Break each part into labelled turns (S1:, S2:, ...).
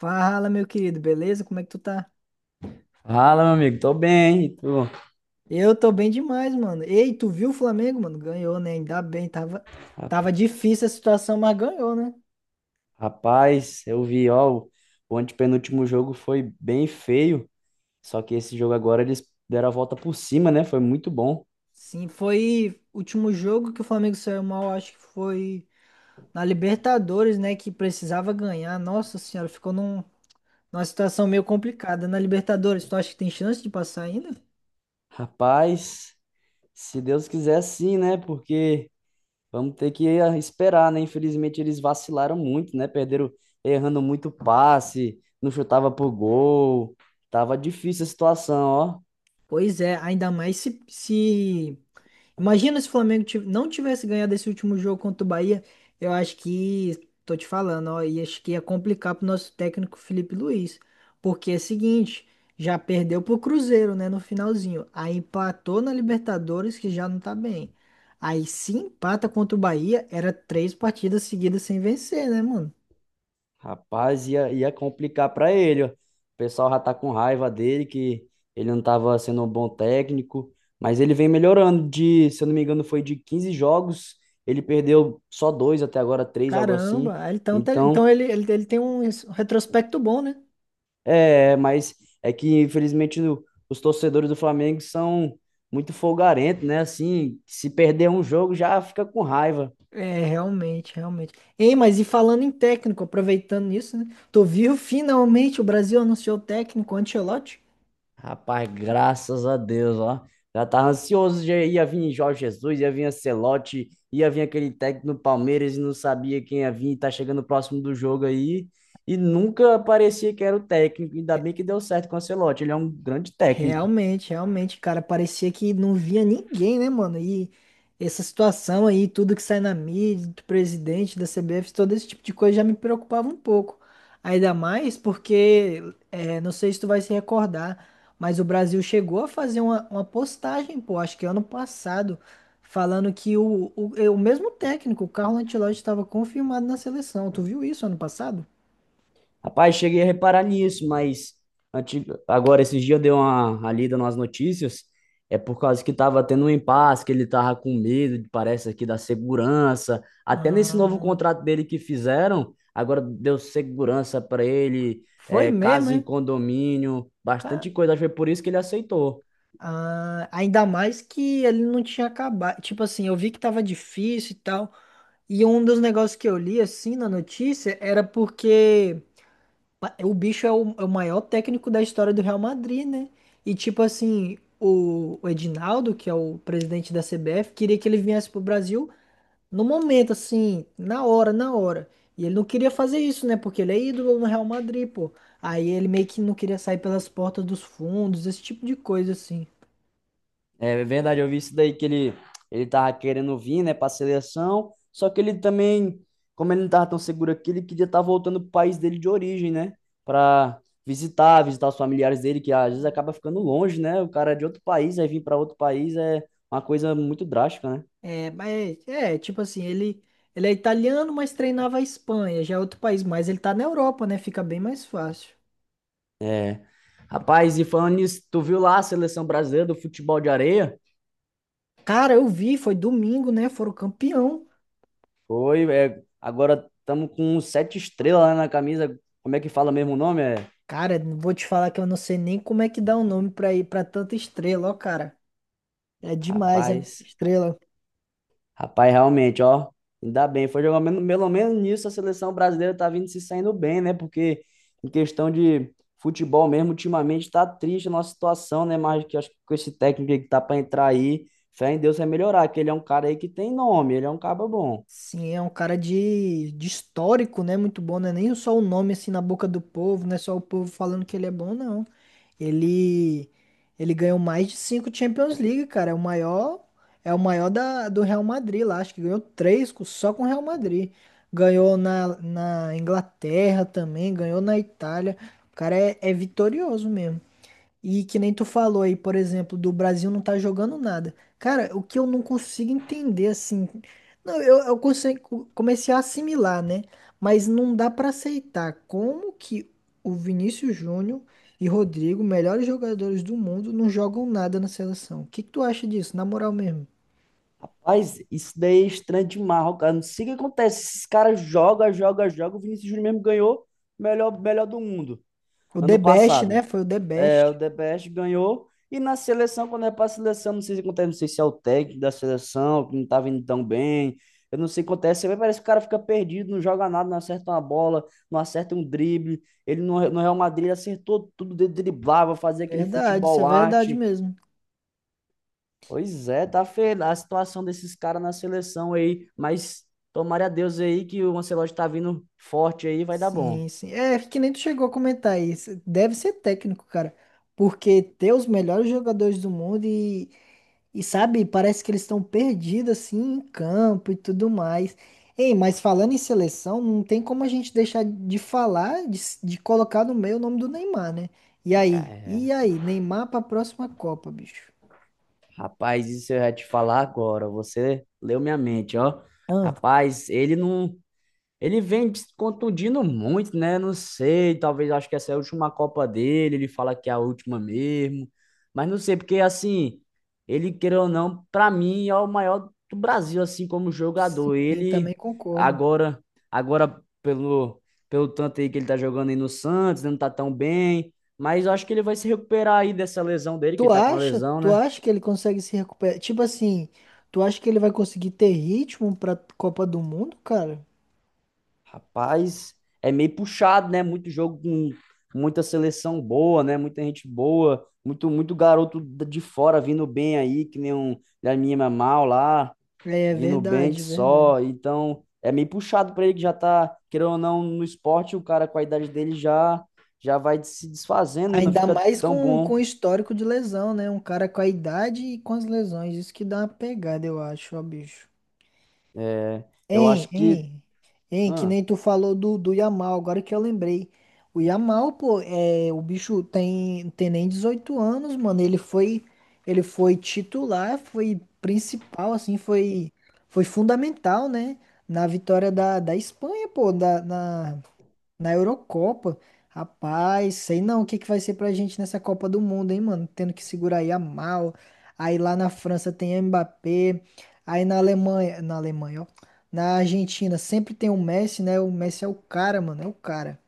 S1: Fala, meu querido, beleza? Como é que tu tá?
S2: Fala, meu amigo, tô bem, e tu?
S1: Eu tô bem demais, mano. Ei, tu viu o Flamengo, mano? Ganhou, né? Ainda bem, tava
S2: Ra-
S1: difícil a situação, mas ganhou, né?
S2: Rapaz, eu vi, ó, o antepenúltimo jogo foi bem feio, só que esse jogo agora eles deram a volta por cima, né? Foi muito bom.
S1: Sim, foi o último jogo que o Flamengo saiu mal, acho que foi na Libertadores, né? Que precisava ganhar. Nossa senhora, ficou numa situação meio complicada. Na Libertadores, tu acha que tem chance de passar ainda?
S2: Rapaz, se Deus quiser sim, né? Porque vamos ter que esperar, né? Infelizmente eles vacilaram muito, né? Perderam errando muito passe, não chutava pro gol. Tava difícil a situação, ó.
S1: Pois é, ainda mais se imagina se o Flamengo não tivesse ganhado esse último jogo contra o Bahia. Eu acho que, tô te falando, ó, e acho que ia complicar pro nosso técnico Felipe Luiz. Porque é o seguinte, já perdeu pro Cruzeiro, né, no finalzinho. Aí empatou na Libertadores, que já não tá bem. Aí se empata contra o Bahia, era três partidas seguidas sem vencer, né, mano?
S2: Rapaz, ia complicar para ele. Ó. O pessoal já tá com raiva dele, que ele não tava sendo um bom técnico, mas ele vem melhorando de, se eu não me engano, foi de 15 jogos, ele perdeu só dois até agora, três, algo assim.
S1: Caramba, aí então, então
S2: Então,
S1: ele tem um retrospecto bom, né?
S2: é, mas é que infelizmente os torcedores do Flamengo são muito folgarentos, né? Assim, se perder um jogo já fica com raiva.
S1: É, realmente, realmente. Ei, mas e falando em técnico, aproveitando isso, né? Tu viu finalmente o Brasil anunciou o técnico Ancelotti?
S2: Rapaz, graças a Deus, ó. Já tava ansioso, já ia vir Jorge Jesus, ia vir Ancelotti, ia vir aquele técnico no Palmeiras e não sabia quem ia vir, tá chegando próximo do jogo aí, e nunca parecia que era o técnico, ainda bem que deu certo com o Ancelotti, ele é um grande técnico.
S1: Realmente, realmente, cara, parecia que não via ninguém, né, mano? E essa situação aí, tudo que sai na mídia, do presidente da CBF, todo esse tipo de coisa já me preocupava um pouco. Ainda mais porque, não sei se tu vai se recordar, mas o Brasil chegou a fazer uma postagem, pô, acho que ano passado, falando que o mesmo técnico, o Carlo Ancelotti, estava confirmado na seleção. Tu viu isso ano passado?
S2: Rapaz, cheguei a reparar nisso, mas agora esses dias eu dei uma lida nas notícias, é por causa que tava tendo um impasse, que ele tava com medo, parece aqui, da segurança. Até nesse novo
S1: Ah,
S2: contrato dele que fizeram, agora deu segurança para ele,
S1: foi
S2: é,
S1: mesmo,
S2: casa em
S1: hein?
S2: condomínio, bastante coisa. Acho que foi por isso que ele aceitou.
S1: Ah, ainda mais que ele não tinha acabado. Tipo assim, eu vi que tava difícil e tal. E um dos negócios que eu li, assim, na notícia, era porque o bicho é é o maior técnico da história do Real Madrid, né? E tipo assim, o Edinaldo, que é o presidente da CBF, queria que ele viesse pro Brasil no momento, assim, na hora, na hora. E ele não queria fazer isso, né? Porque ele é ídolo no Real Madrid, pô. Aí ele meio que não queria sair pelas portas dos fundos, esse tipo de coisa, assim.
S2: É verdade, eu vi isso daí que ele tava querendo vir, né, pra seleção, só que ele também, como ele não tava tão seguro aqui, ele queria estar voltando pro país dele de origem, né, pra visitar, visitar os familiares dele, que às vezes acaba ficando longe, né, o cara é de outro país, aí vir para outro país é uma coisa muito drástica, né.
S1: É, mas é, tipo assim, ele é italiano, mas treinava a Espanha, já é outro país, mas ele tá na Europa, né? Fica bem mais fácil.
S2: Rapaz, e falando nisso, tu viu lá a seleção brasileira do futebol de areia?
S1: Cara, eu vi, foi domingo, né? Foram campeão.
S2: Foi, é, agora estamos com sete estrelas lá na camisa, como é que fala mesmo o nome? É,
S1: Cara, não vou te falar que eu não sei nem como é que dá o nome pra ir pra tanta estrela, ó, cara. É demais, é muita
S2: rapaz...
S1: estrela.
S2: Rapaz, realmente, ó, ainda bem, foi jogar pelo menos nisso a seleção brasileira tá vindo se saindo bem, né? Porque em questão de futebol mesmo, ultimamente tá triste a nossa situação, né? Mas que acho que com esse técnico aí que tá pra entrar aí, fé em Deus vai melhorar, que ele é um cara aí que tem nome, ele é um cara bom.
S1: Sim, é um cara de histórico, né? Muito bom, não é nem só o nome assim na boca do povo, não é só o povo falando que ele é bom, não. Ele ele ganhou mais de 5 Champions League, cara. É o maior da, do Real Madrid lá. Acho que ganhou só com o Real Madrid. Ganhou na, na Inglaterra também, ganhou na Itália. O cara é, é vitorioso mesmo. E que nem tu falou aí, por exemplo, do Brasil não tá jogando nada. Cara, o que eu não consigo entender, assim. Não, eu consigo, comecei a assimilar, né? Mas não dá pra aceitar como que o Vinícius Júnior e Rodrigo, melhores jogadores do mundo, não jogam nada na seleção. O que que tu acha disso, na moral mesmo?
S2: Mas isso daí é estranho demais, ó, cara. Não sei o que acontece. Esses caras jogam, jogam, jogam. O Vinícius Júnior mesmo ganhou o melhor, melhor do mundo
S1: O
S2: ano
S1: The Best, né?
S2: passado.
S1: Foi o The
S2: É, o
S1: Best.
S2: DPS ganhou. E na seleção, quando é para a seleção, não sei se acontece, não sei se é o técnico da seleção, que não tá vindo tão bem. Eu não sei o que acontece. Mas parece que o cara fica perdido, não joga nada, não acerta uma bola, não acerta um drible. Ele no Real Madrid acertou tudo, ele driblava, fazia aquele
S1: Verdade, isso é
S2: futebol
S1: verdade
S2: arte.
S1: mesmo.
S2: Pois é, tá feia a situação desses caras na seleção aí. Mas tomara a Deus aí que o Ancelotti tá vindo forte aí, vai dar bom.
S1: Sim, sim. É, é que nem tu chegou a comentar isso. Deve ser técnico, cara. Porque ter os melhores jogadores do mundo e sabe, parece que eles estão perdidos assim em campo e tudo mais. Ei, mas falando em seleção, não tem como a gente deixar de falar, de colocar no meio o nome do Neymar, né? E aí?
S2: É,
S1: E aí? Neymar pra próxima Copa, bicho.
S2: rapaz, isso eu ia te falar agora. Você leu minha mente, ó.
S1: Ah,
S2: Rapaz, ele não. Ele vem se contundindo muito, né? Não sei, talvez acho que essa é a última Copa dele. Ele fala que é a última mesmo. Mas não sei, porque assim, ele, queira ou não, pra mim é o maior do Brasil, assim, como jogador.
S1: sim, também
S2: Ele
S1: concordo.
S2: agora, agora pelo tanto aí que ele tá jogando aí no Santos, né, não tá tão bem. Mas eu acho que ele vai se recuperar aí dessa lesão dele, que
S1: Tu
S2: ele tá com a
S1: acha?
S2: lesão,
S1: Tu
S2: né?
S1: acha que ele consegue se recuperar? Tipo assim, tu acha que ele vai conseguir ter ritmo pra Copa do Mundo, cara?
S2: Rapaz, é meio puxado, né? Muito jogo com muita seleção boa, né? Muita gente boa, muito muito garoto de fora vindo bem aí, que nem um da minha mal lá,
S1: É
S2: vindo bem que
S1: verdade, verdade.
S2: só. Então, é meio puxado para ele que já tá, querendo ou não, no esporte, o cara com a idade dele já já vai se desfazendo, né? Não
S1: Ainda
S2: fica
S1: mais
S2: tão
S1: com o
S2: bom.
S1: histórico de lesão, né? Um cara com a idade e com as lesões. Isso que dá uma pegada, eu acho, ó, bicho.
S2: É, eu
S1: Hein,
S2: acho que
S1: hein, que
S2: ah,
S1: nem tu falou do Yamal, agora que eu lembrei. O Yamal, pô, é, o bicho tem nem 18 anos, mano. Ele foi titular, foi principal, foi fundamental, né? Na vitória da Espanha, na Eurocopa, rapaz, sei não o que que vai ser pra gente nessa Copa do Mundo, hein, mano? Tendo que segurar aí a Mal. Aí lá na França tem Mbappé. Aí na Alemanha, ó. Na Argentina sempre tem o Messi, né? O Messi é o cara, mano, é o cara.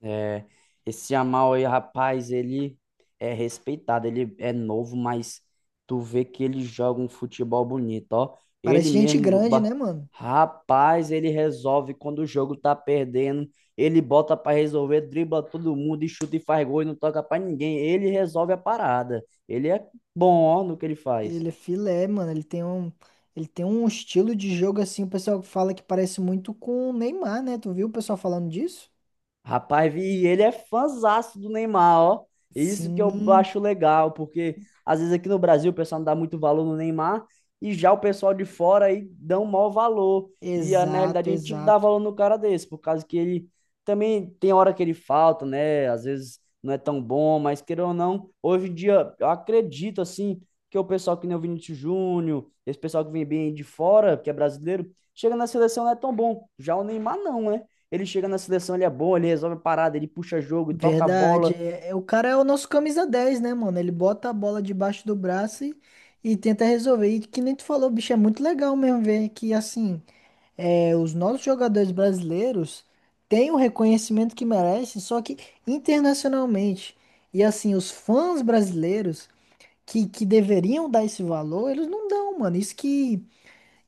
S2: é, esse Yamal aí, rapaz, ele é respeitado, ele é novo, mas tu vê que ele joga um futebol bonito, ó.
S1: Parece
S2: Ele
S1: gente
S2: mesmo,
S1: grande, né, mano?
S2: rapaz, ele resolve quando o jogo tá perdendo, ele bota pra resolver, dribla todo mundo e chuta e faz gol e não toca pra ninguém. Ele resolve a parada. Ele é bom, ó, no que ele faz.
S1: Ele é filé, mano. Ele tem um estilo de jogo assim, o pessoal fala que parece muito com o Neymar, né? Tu viu o pessoal falando disso?
S2: Rapaz, vi, e ele é fãzaço do Neymar, ó. E isso que eu
S1: Sim,
S2: acho legal, porque às vezes aqui no Brasil o pessoal não dá muito valor no Neymar e já o pessoal de fora aí dão maior valor. E na
S1: exato,
S2: realidade a gente tinha que dar
S1: exato.
S2: valor no cara desse, por causa que ele também tem hora que ele falta, né? Às vezes não é tão bom, mas queira ou não, hoje em dia eu acredito assim que o pessoal que nem o Vinícius Júnior, esse pessoal que vem bem de fora, que é brasileiro, chega na seleção não é tão bom. Já o Neymar não, né? Ele chega na seleção, ele é bom, ele resolve a parada, ele puxa jogo, e toca a
S1: Verdade.
S2: bola.
S1: O cara é o nosso camisa 10 né, mano? Ele bota a bola debaixo do braço e tenta resolver. E que nem tu falou, bicho, é muito legal mesmo ver que, assim, é, os nossos jogadores brasileiros têm o reconhecimento que merecem, só que internacionalmente. E, assim, os fãs brasileiros que deveriam dar esse valor, eles não dão, mano. Isso que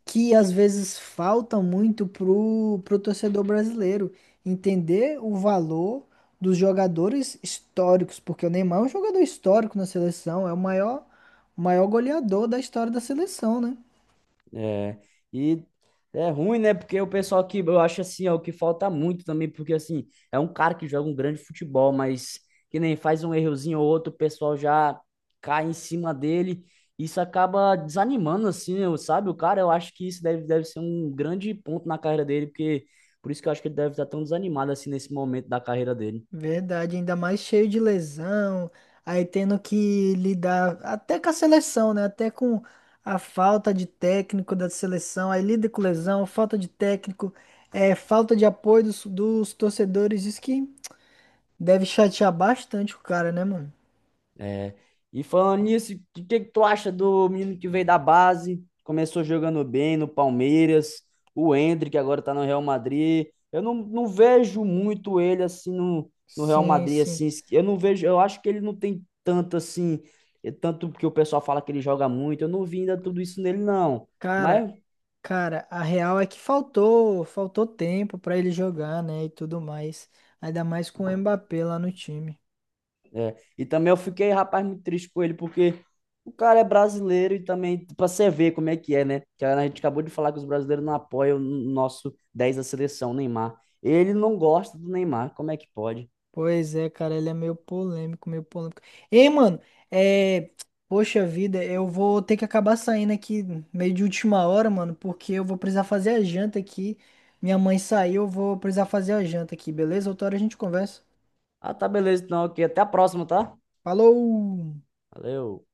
S1: que às vezes falta muito pro torcedor brasileiro entender o valor dos jogadores históricos, porque o Neymar é um jogador histórico na seleção, é o maior goleador da história da seleção, né?
S2: É, e é ruim, né? Porque o pessoal que eu acho assim, é o que falta muito também, porque assim, é um cara que joga um grande futebol, mas que nem faz um errozinho ou outro, o pessoal já cai em cima dele. Isso acaba desanimando, assim, eu- sabe? O cara, eu acho que isso deve ser um grande ponto na carreira dele, porque por isso que eu acho que ele deve estar tão desanimado, assim, nesse momento da carreira dele.
S1: Verdade, ainda mais cheio de lesão, aí tendo que lidar até com a seleção, né? Até com a falta de técnico da seleção, aí lida com lesão, falta de técnico, é, falta de apoio dos torcedores. Isso que deve chatear bastante o cara, né, mano?
S2: É. E falando nisso, o que, que tu acha do menino que veio da base, começou jogando bem no Palmeiras, o Endrick que agora tá no Real Madrid. Eu não vejo muito ele assim no Real
S1: Sim,
S2: Madrid
S1: sim.
S2: assim, eu não vejo, eu acho que ele não tem tanto assim, tanto porque o pessoal fala que ele joga muito, eu não vi ainda tudo isso nele não.
S1: Cara,
S2: Mas
S1: cara, a real é que faltou, faltou tempo pra ele jogar, né, e tudo mais. Ainda mais com o Mbappé lá no time.
S2: é. E também eu fiquei, rapaz, muito triste com ele, porque o cara é brasileiro e também, pra você ver como é que é, né? Que a gente acabou de falar que os brasileiros não apoiam o nosso 10 da seleção, Neymar. Ele não gosta do Neymar, como é que pode?
S1: Pois é, cara, ele é meio polêmico, meio polêmico. Ei, mano, é, poxa vida, eu vou ter que acabar saindo aqui meio de última hora, mano, porque eu vou precisar fazer a janta aqui. Minha mãe saiu, eu vou precisar fazer a janta aqui, beleza? Outra hora a gente conversa.
S2: Ah, tá, beleza, então, ok. Até a próxima, tá?
S1: Falou!
S2: Valeu.